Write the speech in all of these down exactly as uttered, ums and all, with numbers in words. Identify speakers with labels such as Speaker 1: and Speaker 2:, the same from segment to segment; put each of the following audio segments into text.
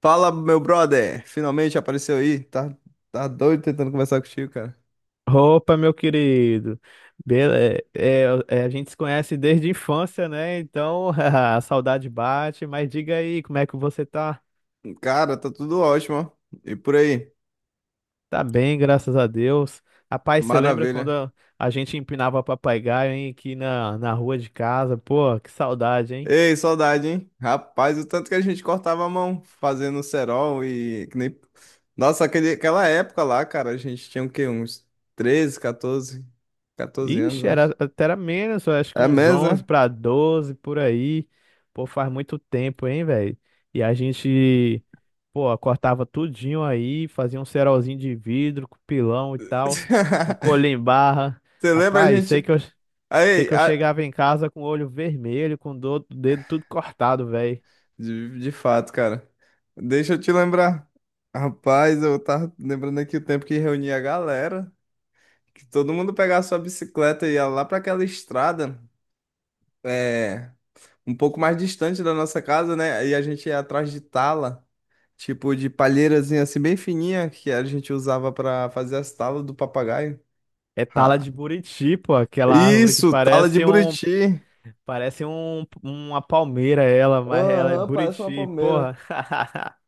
Speaker 1: Fala, meu brother! Finalmente apareceu aí. Tá, tá doido tentando conversar contigo, cara.
Speaker 2: Opa, meu querido. Bele... É, é, é, a gente se conhece desde a infância, né? Então, a saudade bate, mas diga aí, como é que você tá?
Speaker 1: Cara, tá tudo ótimo, ó. E por aí?
Speaker 2: Tá bem, graças a Deus. Rapaz, você lembra quando
Speaker 1: Maravilha.
Speaker 2: a a gente empinava papagaio, hein, aqui na, na rua de casa? Pô, que saudade, hein?
Speaker 1: Ei, saudade, hein? Rapaz, o tanto que a gente cortava a mão fazendo cerol e que nem... Nossa, aquele, aquela época lá, cara, a gente tinha o quê? Uns treze, quatorze, quatorze anos,
Speaker 2: Ixi, era,
Speaker 1: acho.
Speaker 2: até era menos, eu acho que
Speaker 1: É
Speaker 2: uns
Speaker 1: mesmo,
Speaker 2: onze
Speaker 1: né?
Speaker 2: para doze por aí. Pô, faz muito tempo, hein, velho? E a gente, pô, cortava tudinho aí, fazia um cerolzinho de vidro com pilão e tal, com colher em barra.
Speaker 1: Você lembra a
Speaker 2: Rapaz, sei
Speaker 1: gente?
Speaker 2: que eu, sei
Speaker 1: Aí,
Speaker 2: que eu
Speaker 1: a,
Speaker 2: chegava em casa com o olho vermelho, com do, o dedo tudo cortado, velho.
Speaker 1: De, de fato, cara. Deixa eu te lembrar. Rapaz, eu tava lembrando aqui o tempo que reunia a galera, que todo mundo pegava sua bicicleta e ia lá pra aquela estrada, é, um pouco mais distante da nossa casa, né? E a gente ia atrás de tala, tipo de palheirazinha assim bem fininha, que a gente usava pra fazer as talas do papagaio.
Speaker 2: É tala
Speaker 1: Ah,
Speaker 2: de buriti, pô, aquela árvore que
Speaker 1: isso, tala de
Speaker 2: parece um,
Speaker 1: buriti.
Speaker 2: parece um, uma palmeira ela, mas ela é
Speaker 1: Aham, parece uma
Speaker 2: buriti,
Speaker 1: palmeira.
Speaker 2: porra.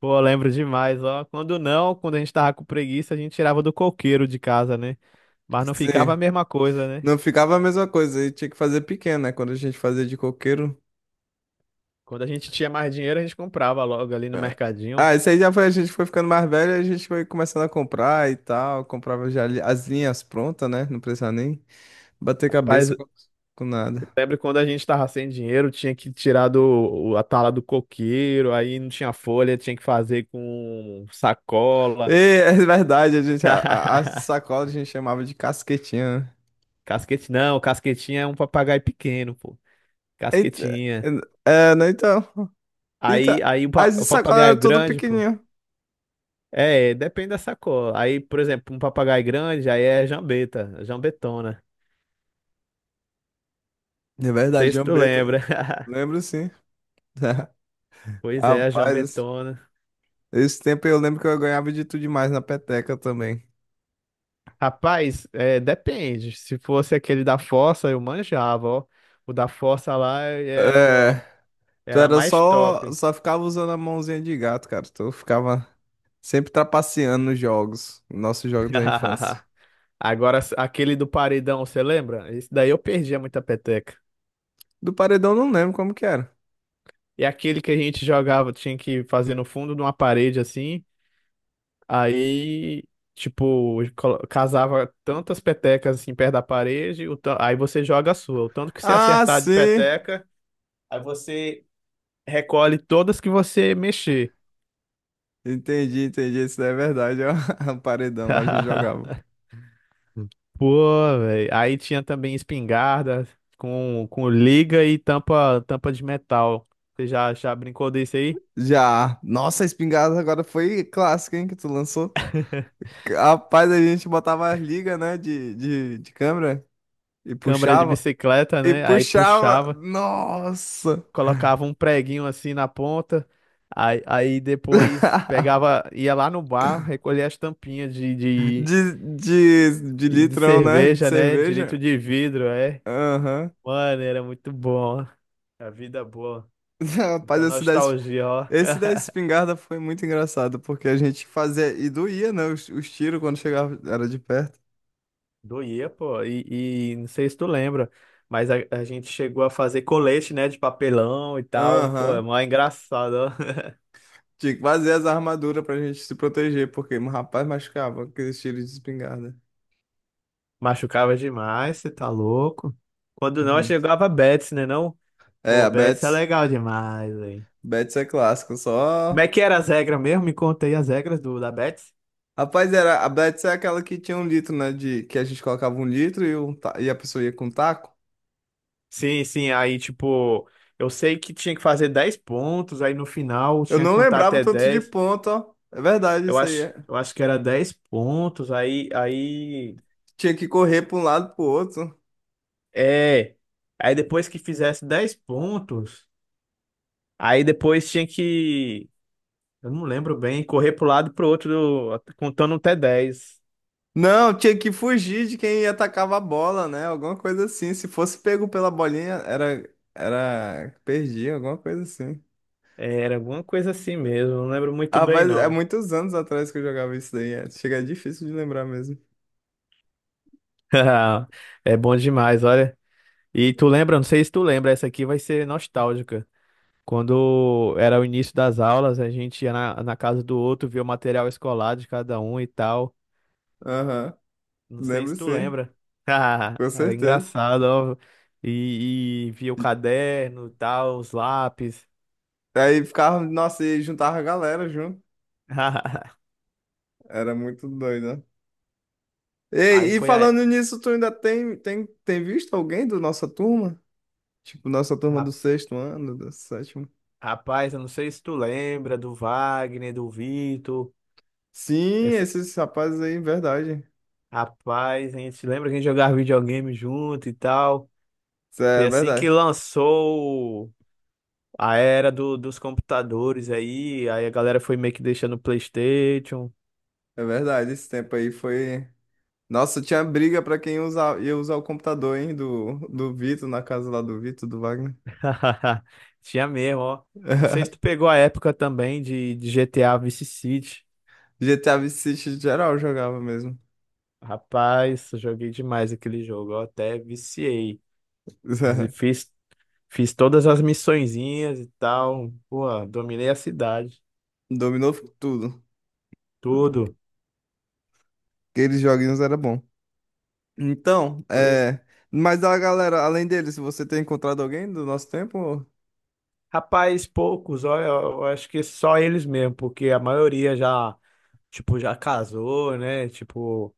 Speaker 2: Pô, eu lembro demais, ó. Quando não, quando a gente tava com preguiça, a gente tirava do coqueiro de casa, né? Mas não ficava
Speaker 1: Sim.
Speaker 2: a mesma coisa, né?
Speaker 1: Não ficava a mesma coisa, e tinha que fazer pequeno, né? Quando a gente fazia de coqueiro.
Speaker 2: Quando a gente tinha mais dinheiro, a gente comprava logo ali no
Speaker 1: É.
Speaker 2: mercadinho.
Speaker 1: Ah, isso aí já foi, a gente foi ficando mais velho, a gente foi começando a comprar e tal, comprava já li- as linhas prontas, né? Não precisava nem bater
Speaker 2: Rapaz,
Speaker 1: cabeça
Speaker 2: eu
Speaker 1: com, com nada.
Speaker 2: lembro quando a gente tava sem dinheiro, tinha que tirar do, o- a tala do coqueiro, aí não tinha folha, tinha que fazer com
Speaker 1: E,
Speaker 2: sacola.
Speaker 1: é verdade, a gente, a, a- as de sacola a gente chamava de casquetinha, né?
Speaker 2: Casquete, não, casquetinha é um papagaio pequeno, pô.
Speaker 1: Eita, é,
Speaker 2: Casquetinha.
Speaker 1: é, né, então,
Speaker 2: Aí,
Speaker 1: eita,
Speaker 2: aí o pa-
Speaker 1: as de
Speaker 2: o
Speaker 1: sacola
Speaker 2: papagaio
Speaker 1: eram tudo
Speaker 2: grande, pô.
Speaker 1: pequenininho.
Speaker 2: É, depende da sacola. Aí, por exemplo, um papagaio grande, aí é jambeta, jambetona.
Speaker 1: É
Speaker 2: Não
Speaker 1: verdade,
Speaker 2: sei se tu
Speaker 1: jambeta.
Speaker 2: lembra.
Speaker 1: Lembro sim.
Speaker 2: Pois é, a
Speaker 1: Rapaz, esse
Speaker 2: jambetona.
Speaker 1: esse tempo eu lembro que eu ganhava de tudo demais na peteca também.
Speaker 2: Rapaz, é, depende. Se fosse aquele da fossa, eu manjava, ó. O da fossa lá era,
Speaker 1: É.
Speaker 2: o-
Speaker 1: Tu
Speaker 2: era
Speaker 1: era
Speaker 2: mais
Speaker 1: só,
Speaker 2: top.
Speaker 1: só ficava usando a mãozinha de gato, cara. Tu ficava sempre trapaceando nos jogos, nos nossos jogos da infância.
Speaker 2: Agora, aquele do paredão, você lembra? Esse daí eu perdia muita peteca.
Speaker 1: Do paredão eu não lembro como que era.
Speaker 2: E aquele que a gente jogava, tinha que fazer no fundo de uma parede assim. Aí, tipo, colo- casava tantas petecas assim perto da parede, o ta- aí você joga a sua. O tanto que você
Speaker 1: Ah,
Speaker 2: acertar de
Speaker 1: sim!
Speaker 2: peteca, aí você recolhe todas que você mexer.
Speaker 1: Entendi, entendi. Isso daí é verdade, ó. O paredão a gente jogava.
Speaker 2: Pô, velho. Aí tinha também espingarda com, com liga e tampa, tampa de metal. Você já, já brincou desse aí?
Speaker 1: Já. Nossa, a espingarda agora foi clássica, hein, que tu lançou. Rapaz, a gente botava as ligas, né, de, de, de câmera e
Speaker 2: Câmara de
Speaker 1: puxava.
Speaker 2: bicicleta,
Speaker 1: E
Speaker 2: né? Aí
Speaker 1: puxava.
Speaker 2: puxava.
Speaker 1: Nossa!
Speaker 2: Colocava um preguinho assim na ponta, aí, aí depois pegava, ia lá no bar, recolhia as tampinhas de, de,
Speaker 1: De, de, de
Speaker 2: de
Speaker 1: litrão, né? De
Speaker 2: cerveja, né? De litro
Speaker 1: cerveja.
Speaker 2: de vidro, é.
Speaker 1: Aham.
Speaker 2: Mano, era muito bom, ó. A vida boa.
Speaker 1: Rapaz,
Speaker 2: Muita
Speaker 1: esse da, es-
Speaker 2: nostalgia, ó.
Speaker 1: esse da espingarda foi muito engraçado, porque a gente fazia e doía, né? Os, os tiros quando chegava, era de perto.
Speaker 2: Doía, pô. E, e não sei se tu lembra, mas a, a gente chegou a fazer colete, né? De papelão e tal. Pô, é
Speaker 1: Aham.
Speaker 2: mó engraçado, ó.
Speaker 1: Tinha que fazer as armaduras pra gente se proteger, porque o rapaz machucava com aqueles tiros de espingarda.
Speaker 2: Machucava demais, você tá louco. Quando não,
Speaker 1: Uhum.
Speaker 2: chegava Betis, né? Não?
Speaker 1: É,
Speaker 2: Pô,
Speaker 1: a
Speaker 2: Betis é
Speaker 1: Betts.
Speaker 2: legal demais, velho.
Speaker 1: Betts é clássico,
Speaker 2: Como é
Speaker 1: só.
Speaker 2: que era as regras mesmo? Me conta aí as regras do, da Betis.
Speaker 1: Rapaz, era, a Betts é aquela que tinha um litro, né? De, que a gente colocava um litro, e, um, ta- e a pessoa ia com um taco.
Speaker 2: Sim, sim, aí tipo, eu sei que tinha que fazer dez pontos, aí no final
Speaker 1: Eu
Speaker 2: tinha que
Speaker 1: não
Speaker 2: contar
Speaker 1: lembrava o
Speaker 2: até
Speaker 1: tanto de
Speaker 2: dez.
Speaker 1: ponto, ó. É verdade
Speaker 2: Eu
Speaker 1: isso aí.
Speaker 2: acho,
Speaker 1: É.
Speaker 2: eu acho que era dez pontos, aí aí
Speaker 1: Tinha que correr para um lado pro outro.
Speaker 2: é, aí depois que fizesse dez pontos, aí depois tinha que, eu não lembro bem, correr pro lado e pro outro contando até dez.
Speaker 1: Não, tinha que fugir de quem atacava a bola, né? Alguma coisa assim. Se fosse pego pela bolinha, era era perdi, alguma coisa assim.
Speaker 2: Era alguma coisa assim mesmo, não lembro muito
Speaker 1: Ah,
Speaker 2: bem
Speaker 1: faz é
Speaker 2: não.
Speaker 1: muitos anos atrás que eu jogava isso daí. É. Chega é difícil de lembrar mesmo.
Speaker 2: É bom demais, olha. E tu lembra, não sei se tu lembra, essa aqui vai ser nostálgica. Quando era o início das aulas, a gente ia na, na casa do outro, via o material escolar de cada um e tal.
Speaker 1: Aham.
Speaker 2: Não sei
Speaker 1: Lembro
Speaker 2: se tu
Speaker 1: sim,
Speaker 2: lembra.
Speaker 1: com
Speaker 2: Era
Speaker 1: certeza.
Speaker 2: engraçado, ó. E, e via o caderno, e tal, os lápis.
Speaker 1: Aí ficava, nossa, e juntava a galera junto. Era muito doido, né?
Speaker 2: Aí
Speaker 1: E, e
Speaker 2: foi a,
Speaker 1: falando nisso, tu ainda tem, tem, tem visto alguém da nossa turma? Tipo, nossa turma do
Speaker 2: ra-
Speaker 1: sexto ano, do sétimo.
Speaker 2: rapaz, eu não sei se tu lembra do Wagner, do Vitor.
Speaker 1: Sim,
Speaker 2: Essa,
Speaker 1: esses rapazes aí, verdade.
Speaker 2: rapaz, a gente lembra que a gente jogava videogame junto e tal.
Speaker 1: Isso é
Speaker 2: Foi assim que
Speaker 1: verdade.
Speaker 2: lançou a era do- dos computadores aí, aí a galera foi meio que deixando o PlayStation.
Speaker 1: É verdade, esse tempo aí foi. Nossa, tinha briga pra quem usar, ia usar o computador, hein, do, do Vitor, na casa lá do Vitor, do Wagner.
Speaker 2: Tinha mesmo, ó. Não sei se tu pegou a época também de, de G T A Vice City.
Speaker 1: G T A Vice City geral jogava mesmo.
Speaker 2: Rapaz, eu joguei demais aquele jogo, eu até viciei. Fiz, fiz todas as missõezinhas e tal. Pô, dominei a cidade,
Speaker 1: Dominou tudo.
Speaker 2: tudo.
Speaker 1: Aqueles joguinhos era bom. Então,
Speaker 2: Pois,
Speaker 1: é. Mas a galera, além deles, você tem encontrado alguém do nosso tempo?
Speaker 2: rapaz, poucos, ó, eu eu acho que só eles mesmo, porque a maioria já tipo, já casou, né? Tipo,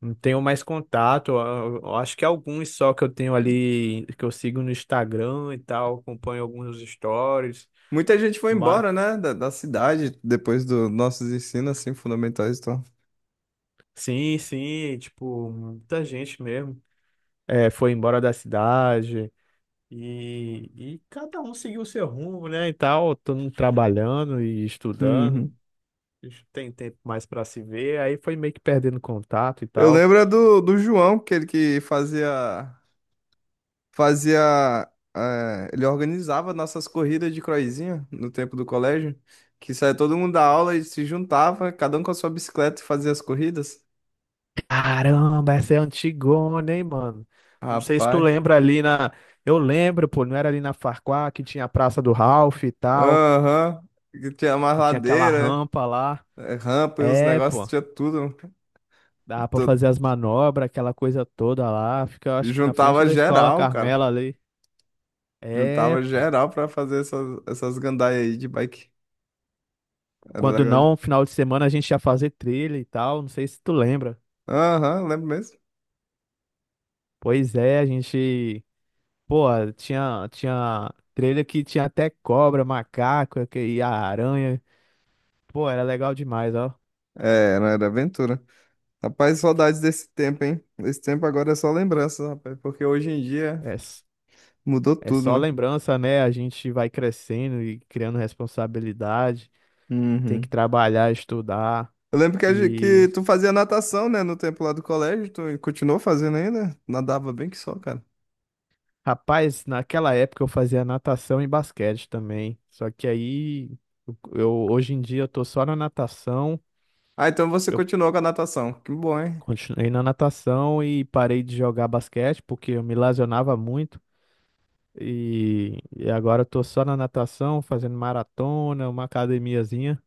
Speaker 2: não tenho mais contato. Eu- eu acho que alguns só que eu tenho ali, que eu sigo no Instagram e tal, acompanho alguns stories.
Speaker 1: Muita gente foi
Speaker 2: Mas,
Speaker 1: embora, né, da, da cidade depois dos nossos ensinos, assim, fundamentais e tal.
Speaker 2: sim, sim, tipo, muita gente mesmo. É, foi embora da cidade e, e cada um seguiu o seu rumo, né? E tal, todo mundo trabalhando e estudando.
Speaker 1: Uhum.
Speaker 2: Tem tempo mais para se ver, aí foi meio que perdendo contato e
Speaker 1: Eu
Speaker 2: tal.
Speaker 1: lembro é do, do João, que ele que fazia, fazia, eh, ele organizava nossas corridas de croizinha no tempo do colégio, que saía todo mundo da aula e se juntava, cada um com a sua bicicleta e fazia as corridas.
Speaker 2: Caramba, essa é antigona, hein, mano? Não sei se tu
Speaker 1: Rapaz,
Speaker 2: lembra ali na. Eu lembro, pô, não era ali na Farquhar que tinha a Praça do Ralph e tal,
Speaker 1: aham, que tinha mais
Speaker 2: que tinha aquela
Speaker 1: ladeira,
Speaker 2: rampa lá.
Speaker 1: eh, rampa e uns
Speaker 2: É,
Speaker 1: negócios,
Speaker 2: pô,
Speaker 1: tinha tudo.
Speaker 2: dava pra
Speaker 1: Tu-
Speaker 2: fazer as manobras, aquela coisa toda lá. Fica, eu acho que na frente
Speaker 1: Juntava
Speaker 2: da escola
Speaker 1: geral, cara.
Speaker 2: Carmela ali. É,
Speaker 1: Juntava
Speaker 2: pô.
Speaker 1: geral pra fazer essas, essas gandaias aí de bike. Era
Speaker 2: Quando
Speaker 1: legal de...
Speaker 2: não, final de semana a gente ia fazer trilha e tal, não sei se tu lembra.
Speaker 1: Aham, lembro mesmo.
Speaker 2: Pois é, a gente. Pô, tinha, tinha trilha que tinha até cobra, macaco e a aranha. Pô, era legal demais, ó.
Speaker 1: É, era, era aventura. Rapaz, saudades desse tempo, hein? Esse tempo agora é só lembrança, rapaz. Porque hoje em dia
Speaker 2: É, s-
Speaker 1: mudou
Speaker 2: é
Speaker 1: tudo,
Speaker 2: só
Speaker 1: né?
Speaker 2: lembrança, né? A gente vai crescendo e criando responsabilidade, tem que
Speaker 1: Uhum.
Speaker 2: trabalhar, estudar.
Speaker 1: Eu lembro que, a gente- que
Speaker 2: E,
Speaker 1: tu fazia natação, né? No tempo lá do colégio. Tu continuou fazendo ainda? Nadava bem que só, cara.
Speaker 2: rapaz, naquela época eu fazia natação e basquete também. Só que aí, eu, eu- hoje em dia eu tô só na natação.
Speaker 1: Ah, então você
Speaker 2: Eu
Speaker 1: continuou com a natação. Que bom, hein?
Speaker 2: continuei na natação e parei de jogar basquete porque eu me lesionava muito. E, e agora eu tô só na natação, fazendo maratona, uma academiazinha.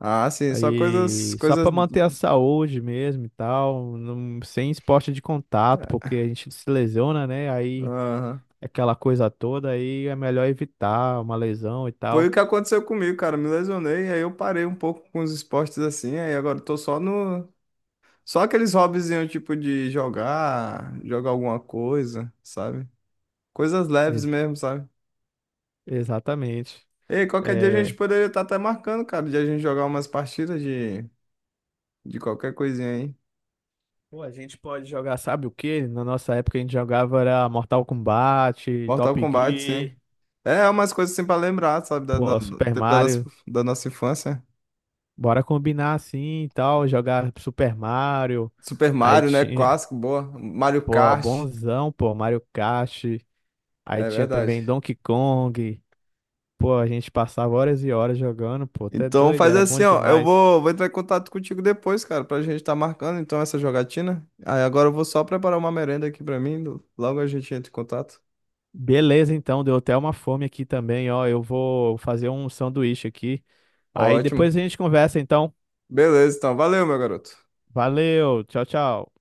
Speaker 1: Ah, sim. Só coisas...
Speaker 2: Aí, só
Speaker 1: Coisas...
Speaker 2: pra manter a saúde mesmo e tal, não- sem esporte de contato, porque a gente se lesiona, né? Aí,
Speaker 1: Aham.
Speaker 2: aquela coisa toda, aí é melhor evitar uma lesão e
Speaker 1: Foi
Speaker 2: tal.
Speaker 1: o que aconteceu comigo, cara. Me lesionei, aí eu parei um pouco com os esportes assim, aí agora eu tô só no. Só aqueles hobbyzinhos, tipo, de jogar, jogar alguma coisa, sabe? Coisas leves
Speaker 2: Ex-
Speaker 1: mesmo, sabe?
Speaker 2: exatamente.
Speaker 1: Ei, qualquer dia a gente
Speaker 2: É,
Speaker 1: poderia estar até marcando, cara, de a gente jogar umas partidas de, de qualquer coisinha aí.
Speaker 2: pô, a gente pode jogar, sabe o quê? Na nossa época a gente jogava era Mortal Kombat,
Speaker 1: Mortal
Speaker 2: Top
Speaker 1: Kombat, sim.
Speaker 2: Gear,
Speaker 1: É, umas coisas assim pra lembrar, sabe? Da, da,
Speaker 2: pô,
Speaker 1: do
Speaker 2: Super
Speaker 1: tempo da nossa,
Speaker 2: Mario.
Speaker 1: da nossa infância.
Speaker 2: Bora combinar assim e tal, jogar Super Mario.
Speaker 1: Super
Speaker 2: Aí
Speaker 1: Mario, né?
Speaker 2: tinha,
Speaker 1: Clássico, boa. Mario
Speaker 2: pô,
Speaker 1: Kart.
Speaker 2: bonzão, pô, Mario Kart. Aí
Speaker 1: É
Speaker 2: tinha
Speaker 1: verdade.
Speaker 2: também Donkey Kong. Pô, a gente passava horas e horas jogando, pô, até
Speaker 1: Então
Speaker 2: doido,
Speaker 1: faz
Speaker 2: era bom
Speaker 1: assim, ó. Eu
Speaker 2: demais.
Speaker 1: vou, vou entrar em contato contigo depois, cara, pra gente tá marcando então essa jogatina. Aí agora eu vou só preparar uma merenda aqui pra mim. Logo a gente entra em contato.
Speaker 2: Beleza, então, deu até uma fome aqui também, ó. Eu vou fazer um sanduíche aqui. Aí
Speaker 1: Ótimo.
Speaker 2: depois a gente conversa, então.
Speaker 1: Beleza, então. Valeu, meu garoto.
Speaker 2: Valeu, tchau, tchau.